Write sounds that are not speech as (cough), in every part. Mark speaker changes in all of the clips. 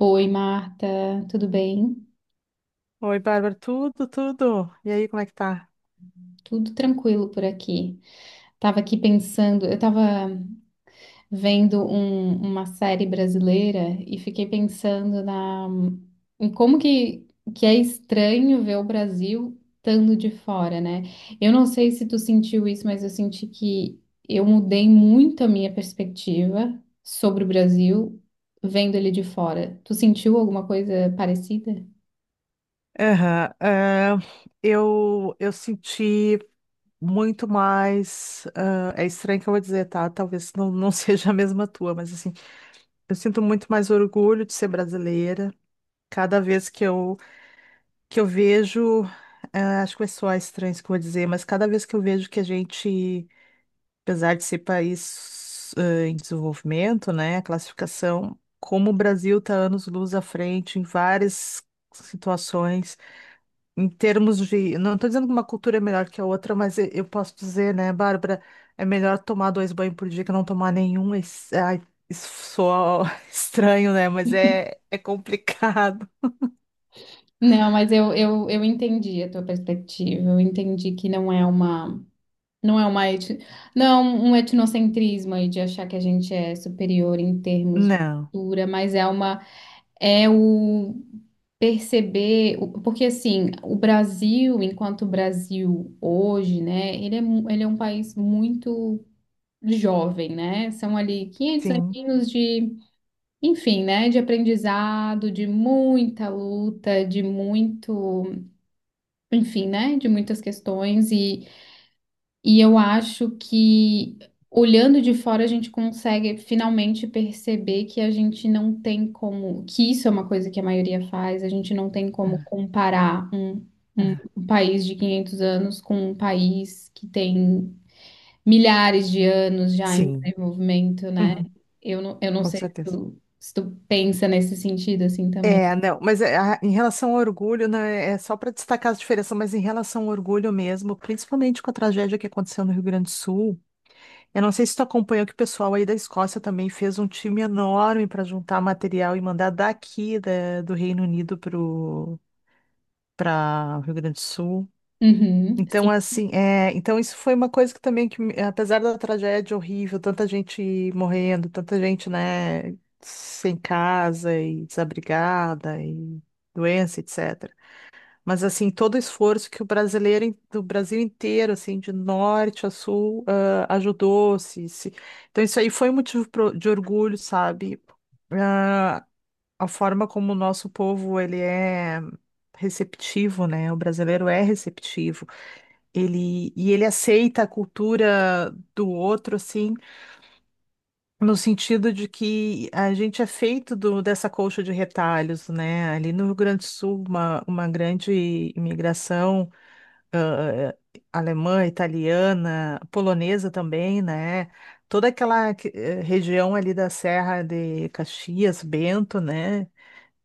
Speaker 1: Oi, Marta, tudo bem?
Speaker 2: Oi, Bárbara, tudo, tudo. E aí, como é que tá?
Speaker 1: Tudo tranquilo por aqui. Tava aqui pensando, eu tava vendo uma série brasileira e fiquei pensando em como que é estranho ver o Brasil estando de fora, né? Eu não sei se tu sentiu isso, mas eu senti que eu mudei muito a minha perspectiva sobre o Brasil vendo ele de fora. Tu sentiu alguma coisa parecida?
Speaker 2: Aham. Eu senti muito mais. É estranho que eu vou dizer, tá? Talvez não, não (laughs) seja a mesma tua, mas assim, eu sinto muito mais orgulho de ser brasileira. Cada vez que eu vejo. Acho que vai soar estranho isso que eu vou dizer, mas cada vez que eu vejo que a gente. Apesar de ser país em desenvolvimento, né, a classificação, como o Brasil está anos-luz à frente em várias situações, em termos de, não estou dizendo que uma cultura é melhor que a outra, mas eu posso dizer, né, Bárbara, é melhor tomar dois banhos por dia que não tomar nenhum. Isso, ai, isso soa (laughs) estranho, né, mas é complicado.
Speaker 1: Não, mas eu entendi a tua perspectiva. Eu entendi que não é não é uma, não é um etnocentrismo aí de achar que a gente é superior em termos de
Speaker 2: Não,
Speaker 1: cultura, mas é uma, é o perceber, porque assim, o Brasil, enquanto Brasil hoje, né, ele é, ele é um país muito jovem, né? São ali 500
Speaker 2: sim,
Speaker 1: aninhos de, enfim, né, de aprendizado, de muita luta, de muito enfim, né, de muitas questões e eu acho que olhando de fora a gente consegue finalmente perceber que a gente não tem como, que isso é uma coisa que a maioria faz, a gente não tem como
Speaker 2: ah,
Speaker 1: comparar
Speaker 2: ah,
Speaker 1: um país de 500 anos com um país que tem milhares de anos já em
Speaker 2: sim.
Speaker 1: desenvolvimento, né?
Speaker 2: Uhum.
Speaker 1: Eu não
Speaker 2: Com
Speaker 1: sei
Speaker 2: certeza.
Speaker 1: se tu pensa nesse sentido assim também.
Speaker 2: É, não, mas é, em relação ao orgulho, né, é só para destacar as diferenças, mas em relação ao orgulho mesmo, principalmente com a tragédia que aconteceu no Rio Grande do Sul, eu não sei se tu acompanhou que o pessoal aí da Escócia também fez um time enorme para juntar material e mandar daqui do Reino Unido para o Rio Grande do Sul.
Speaker 1: Uhum, sim.
Speaker 2: Então, assim, é, então isso foi uma coisa que também, que, apesar da tragédia horrível, tanta gente morrendo, tanta gente, né, sem casa e desabrigada e doença, etc. Mas, assim, todo o esforço que o brasileiro, do Brasil inteiro, assim, de norte a sul, ajudou, se. Então, isso aí foi um motivo de orgulho, sabe? Ah, a forma como o nosso povo, ele é receptivo, né? O brasileiro é receptivo, ele, e ele aceita a cultura do outro, assim, no sentido de que a gente é feito dessa colcha de retalhos, né? Ali no Rio Grande do Sul, uma grande imigração ãh, alemã, italiana, polonesa também, né? Toda aquela região ali da Serra de Caxias, Bento, né?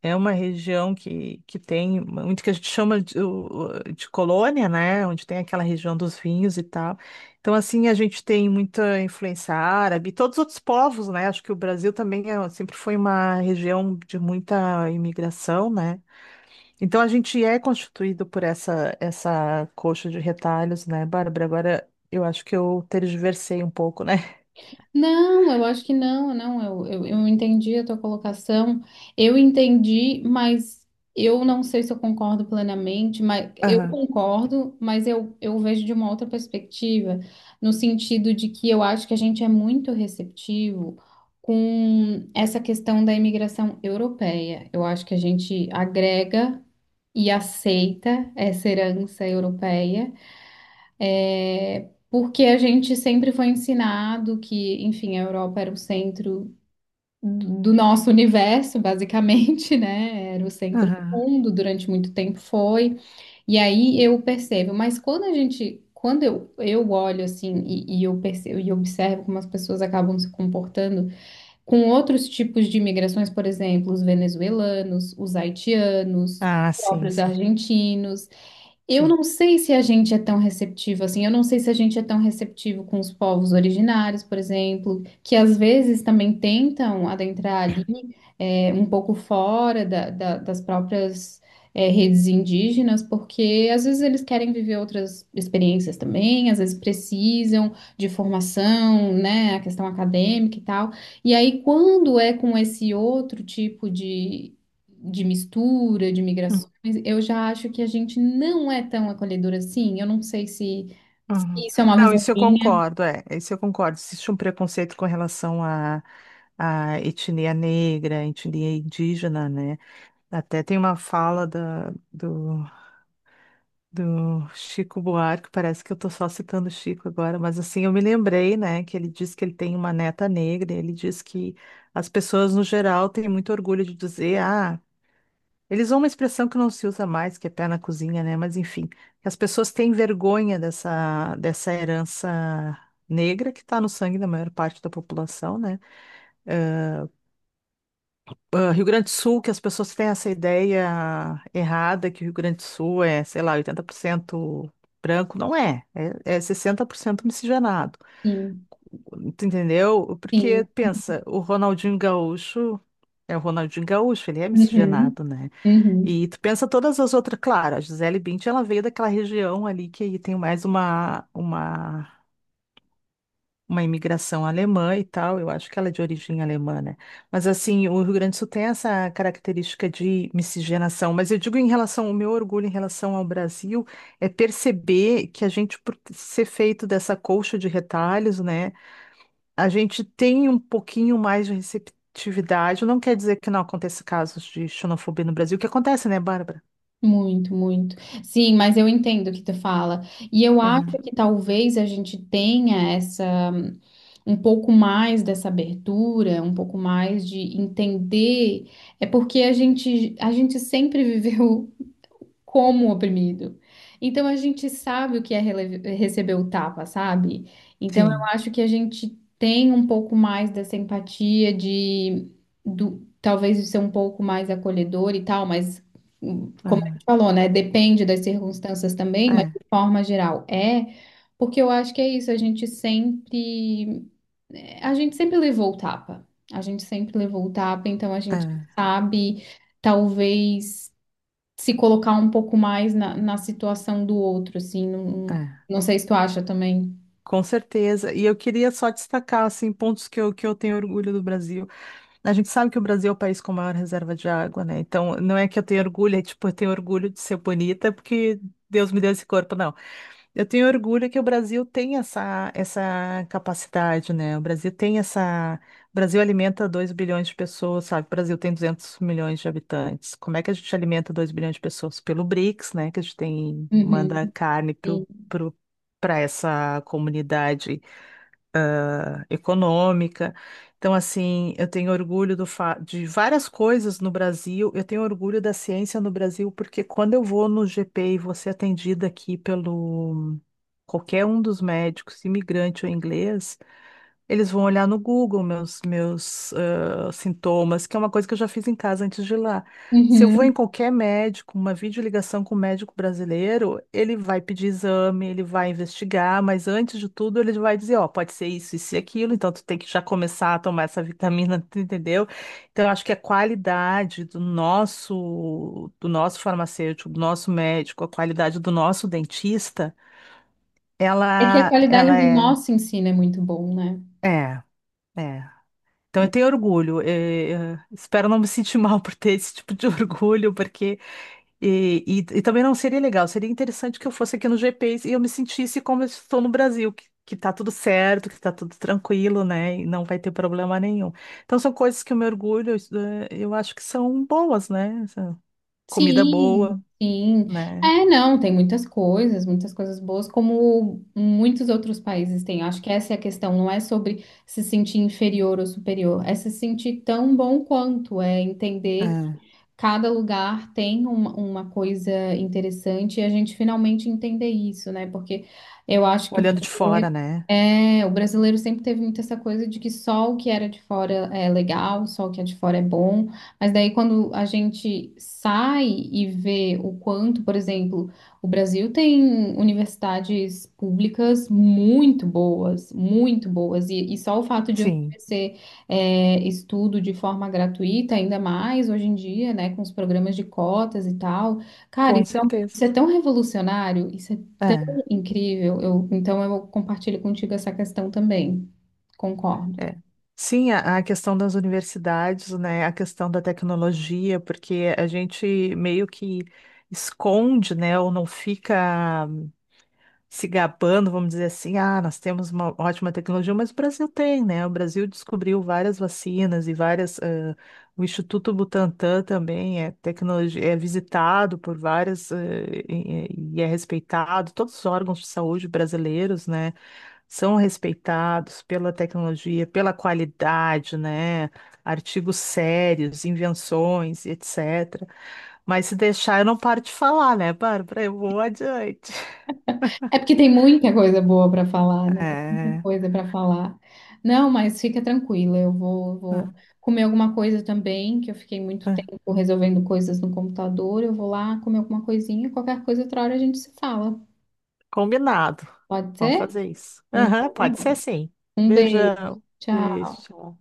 Speaker 2: É uma região que tem muito que a gente chama de, de colônia, né? Onde tem aquela região dos vinhos e tal. Então, assim, a gente tem muita influência árabe, e todos os outros povos, né? Acho que o Brasil também sempre foi uma região de muita imigração, né? Então, a gente é constituído por essa coxa de retalhos, né, Bárbara? Agora, eu acho que eu tergiversei um pouco, né?
Speaker 1: Não, eu acho que não, não, eu entendi a tua colocação, eu entendi, mas eu não sei se eu concordo plenamente, mas
Speaker 2: (laughs)
Speaker 1: eu
Speaker 2: Aham,
Speaker 1: concordo, eu vejo de uma outra perspectiva, no sentido de que eu acho que a gente é muito receptivo com essa questão da imigração europeia. Eu acho que a gente agrega e aceita essa herança europeia porque a gente sempre foi ensinado que, enfim, a Europa era o centro do nosso universo, basicamente, (laughs) né? Era o centro do
Speaker 2: aham.
Speaker 1: mundo, durante muito tempo foi. E aí eu percebo, mas quando a gente, eu olho assim e eu percebo e observo como as pessoas acabam se comportando com outros tipos de imigrações, por exemplo, os venezuelanos, os haitianos, os
Speaker 2: Ah, sim,
Speaker 1: próprios
Speaker 2: sim,
Speaker 1: argentinos. Eu
Speaker 2: sim.
Speaker 1: não sei se a gente é tão receptivo assim, eu não sei se a gente é tão receptivo com os povos originários, por exemplo, que às vezes também tentam adentrar ali um pouco fora das próprias redes indígenas, porque às vezes eles querem viver outras experiências também, às vezes precisam de formação, né, a questão acadêmica e tal. E aí, quando é com esse outro tipo de mistura, de migrações, eu já acho que a gente não é tão acolhedor assim. Eu não sei se, se
Speaker 2: Uhum.
Speaker 1: isso é uma
Speaker 2: Não,
Speaker 1: visão
Speaker 2: isso eu
Speaker 1: minha.
Speaker 2: concordo, é, isso eu concordo. Existe um preconceito com relação à etnia negra, etnia indígena, né? Até tem uma fala da, do Chico Buarque, parece que eu tô só citando o Chico agora, mas assim, eu me lembrei, né, que ele diz que ele tem uma neta negra, e ele diz que as pessoas no geral têm muito orgulho de dizer, eles usam uma expressão que não se usa mais, que é pé na cozinha, né? Mas enfim, as pessoas têm vergonha dessa herança negra que está no sangue da maior parte da população, né? Rio Grande do Sul, que as pessoas têm essa ideia errada que o Rio Grande do Sul é, sei lá, 80% branco. Não é, é 60% miscigenado.
Speaker 1: Sim,
Speaker 2: Tu entendeu? Porque
Speaker 1: sim.
Speaker 2: pensa, o Ronaldinho Gaúcho é o Ronaldinho Gaúcho, ele é
Speaker 1: Uhum,
Speaker 2: miscigenado, né?
Speaker 1: uhum.
Speaker 2: E tu pensa todas as outras, claro, a Gisele Bündchen, ela veio daquela região ali que aí tem mais uma, uma imigração alemã e tal, eu acho que ela é de origem alemã, né? Mas assim, o Rio Grande do Sul tem essa característica de miscigenação, mas eu digo em relação, o meu orgulho em relação ao Brasil é perceber que a gente, por ser feito dessa colcha de retalhos, né? A gente tem um pouquinho mais de receptividade, não quer dizer que não aconteça casos de xenofobia no Brasil, que acontece, né, Bárbara?
Speaker 1: Muito, muito. Sim, mas eu entendo o que tu fala. E eu acho
Speaker 2: Aham.
Speaker 1: que talvez a gente tenha essa um pouco mais dessa abertura, um pouco mais de entender. É porque a gente sempre (laughs) viveu como oprimido. Então a gente sabe o que é receber o tapa, sabe? Então eu
Speaker 2: Sim.
Speaker 1: acho que a gente tem um pouco mais dessa empatia talvez de ser um pouco mais acolhedor e tal, mas como a
Speaker 2: Aham.
Speaker 1: gente falou, né? Depende das circunstâncias também, mas
Speaker 2: É,
Speaker 1: de forma geral é, porque eu acho que é isso, a gente sempre levou o tapa. A gente sempre levou o tapa, então a
Speaker 2: é,
Speaker 1: gente sabe, talvez se colocar um pouco mais na situação do outro, assim, não,
Speaker 2: é.
Speaker 1: não sei se tu acha também.
Speaker 2: Com certeza. E eu queria só destacar, assim, pontos que eu tenho orgulho do Brasil. A gente sabe que o Brasil é o país com maior reserva de água, né? Então, não é que eu tenho orgulho, é tipo, eu tenho orgulho de ser bonita, porque Deus me deu esse corpo, não. Eu tenho orgulho que o Brasil tem essa capacidade, né? O Brasil tem essa. O Brasil alimenta 2 bilhões de pessoas, sabe? O Brasil tem 200 milhões de habitantes. Como é que a gente alimenta 2 bilhões de pessoas? Pelo BRICS, né? Que a gente tem,
Speaker 1: Uhum,
Speaker 2: manda carne
Speaker 1: sim.
Speaker 2: para essa comunidade política, econômica. Então, assim, eu tenho orgulho de várias coisas no Brasil. Eu tenho orgulho da ciência no Brasil, porque quando eu vou no GP e vou ser atendida aqui pelo qualquer um dos médicos, imigrante ou inglês, eles vão olhar no Google meus sintomas, que é uma coisa que eu já fiz em casa antes de ir lá. Se eu vou em
Speaker 1: Uhum.
Speaker 2: qualquer médico, uma videoligação com o médico brasileiro, ele vai pedir exame, ele vai investigar, mas antes de tudo ele vai dizer, ó, pode ser isso, isso e aquilo, então tu tem que já começar a tomar essa vitamina, (laughs) tu entendeu? Então eu acho que a qualidade do nosso farmacêutico, do nosso médico, a qualidade do nosso dentista,
Speaker 1: É que a
Speaker 2: ela,
Speaker 1: qualidade
Speaker 2: ela
Speaker 1: do nosso ensino é muito bom, né?
Speaker 2: é, é. Então, eu
Speaker 1: É.
Speaker 2: tenho orgulho. Espero não me sentir mal por ter esse tipo de (laughs) orgulho, porque. E também não seria legal. Seria interessante que eu fosse aqui no GPs e eu me sentisse como eu estou no Brasil, que tá tudo certo, que tá tudo tranquilo, né? E não vai ter problema nenhum. Então, são coisas que o meu orgulho, isso, eu acho que são boas, né? Essa comida
Speaker 1: Sim,
Speaker 2: boa,
Speaker 1: sim.
Speaker 2: né?
Speaker 1: É, não, tem muitas coisas boas, como muitos outros países têm. Acho que essa é a questão, não é sobre se sentir inferior ou superior, é se sentir tão bom quanto, é entender
Speaker 2: É.
Speaker 1: cada lugar tem uma coisa interessante e a gente finalmente entender isso, né? Porque eu acho que o
Speaker 2: Olhando de
Speaker 1: brasileiro,
Speaker 2: fora, né?
Speaker 1: é, o brasileiro sempre teve muito essa coisa de que só o que era de fora é legal, só o que é de fora é bom. Mas daí quando a gente sai e vê o quanto, por exemplo, o Brasil tem universidades públicas muito boas, e só o fato de
Speaker 2: Sim,
Speaker 1: oferecer estudo de forma gratuita, ainda mais hoje em dia, né, com os programas de cotas e tal. Cara,
Speaker 2: com
Speaker 1: isso
Speaker 2: certeza.
Speaker 1: é tão revolucionário, isso é tão
Speaker 2: É.
Speaker 1: incrível. Eu, então eu compartilho contigo essa questão também. Concordo.
Speaker 2: É. Sim, a questão das universidades, né, a questão da tecnologia, porque a gente meio que esconde, né, ou não fica se gabando, vamos dizer assim, nós temos uma ótima tecnologia, mas o Brasil tem, né? O Brasil descobriu várias vacinas e várias, o Instituto Butantan também é tecnologia, é visitado por várias, e é respeitado, todos os órgãos de saúde brasileiros, né? São respeitados pela tecnologia, pela qualidade, né? Artigos sérios, invenções, etc. Mas se deixar, eu não paro de falar, né, Bárbara? Eu vou adiante.
Speaker 1: É porque tem muita coisa boa para falar, né? Muita
Speaker 2: É,
Speaker 1: coisa para falar. Não, mas fica tranquila, vou
Speaker 2: (laughs)
Speaker 1: comer alguma coisa também, que eu fiquei muito
Speaker 2: é, é.
Speaker 1: tempo resolvendo coisas no computador. Eu vou lá comer alguma coisinha, qualquer coisa outra hora a gente se fala.
Speaker 2: Combinado.
Speaker 1: Pode
Speaker 2: Vamos
Speaker 1: ser?
Speaker 2: fazer isso. Aham,
Speaker 1: Então tá
Speaker 2: pode ser
Speaker 1: bom.
Speaker 2: sim.
Speaker 1: Um beijo.
Speaker 2: Beijão.
Speaker 1: Tchau.
Speaker 2: Beijo.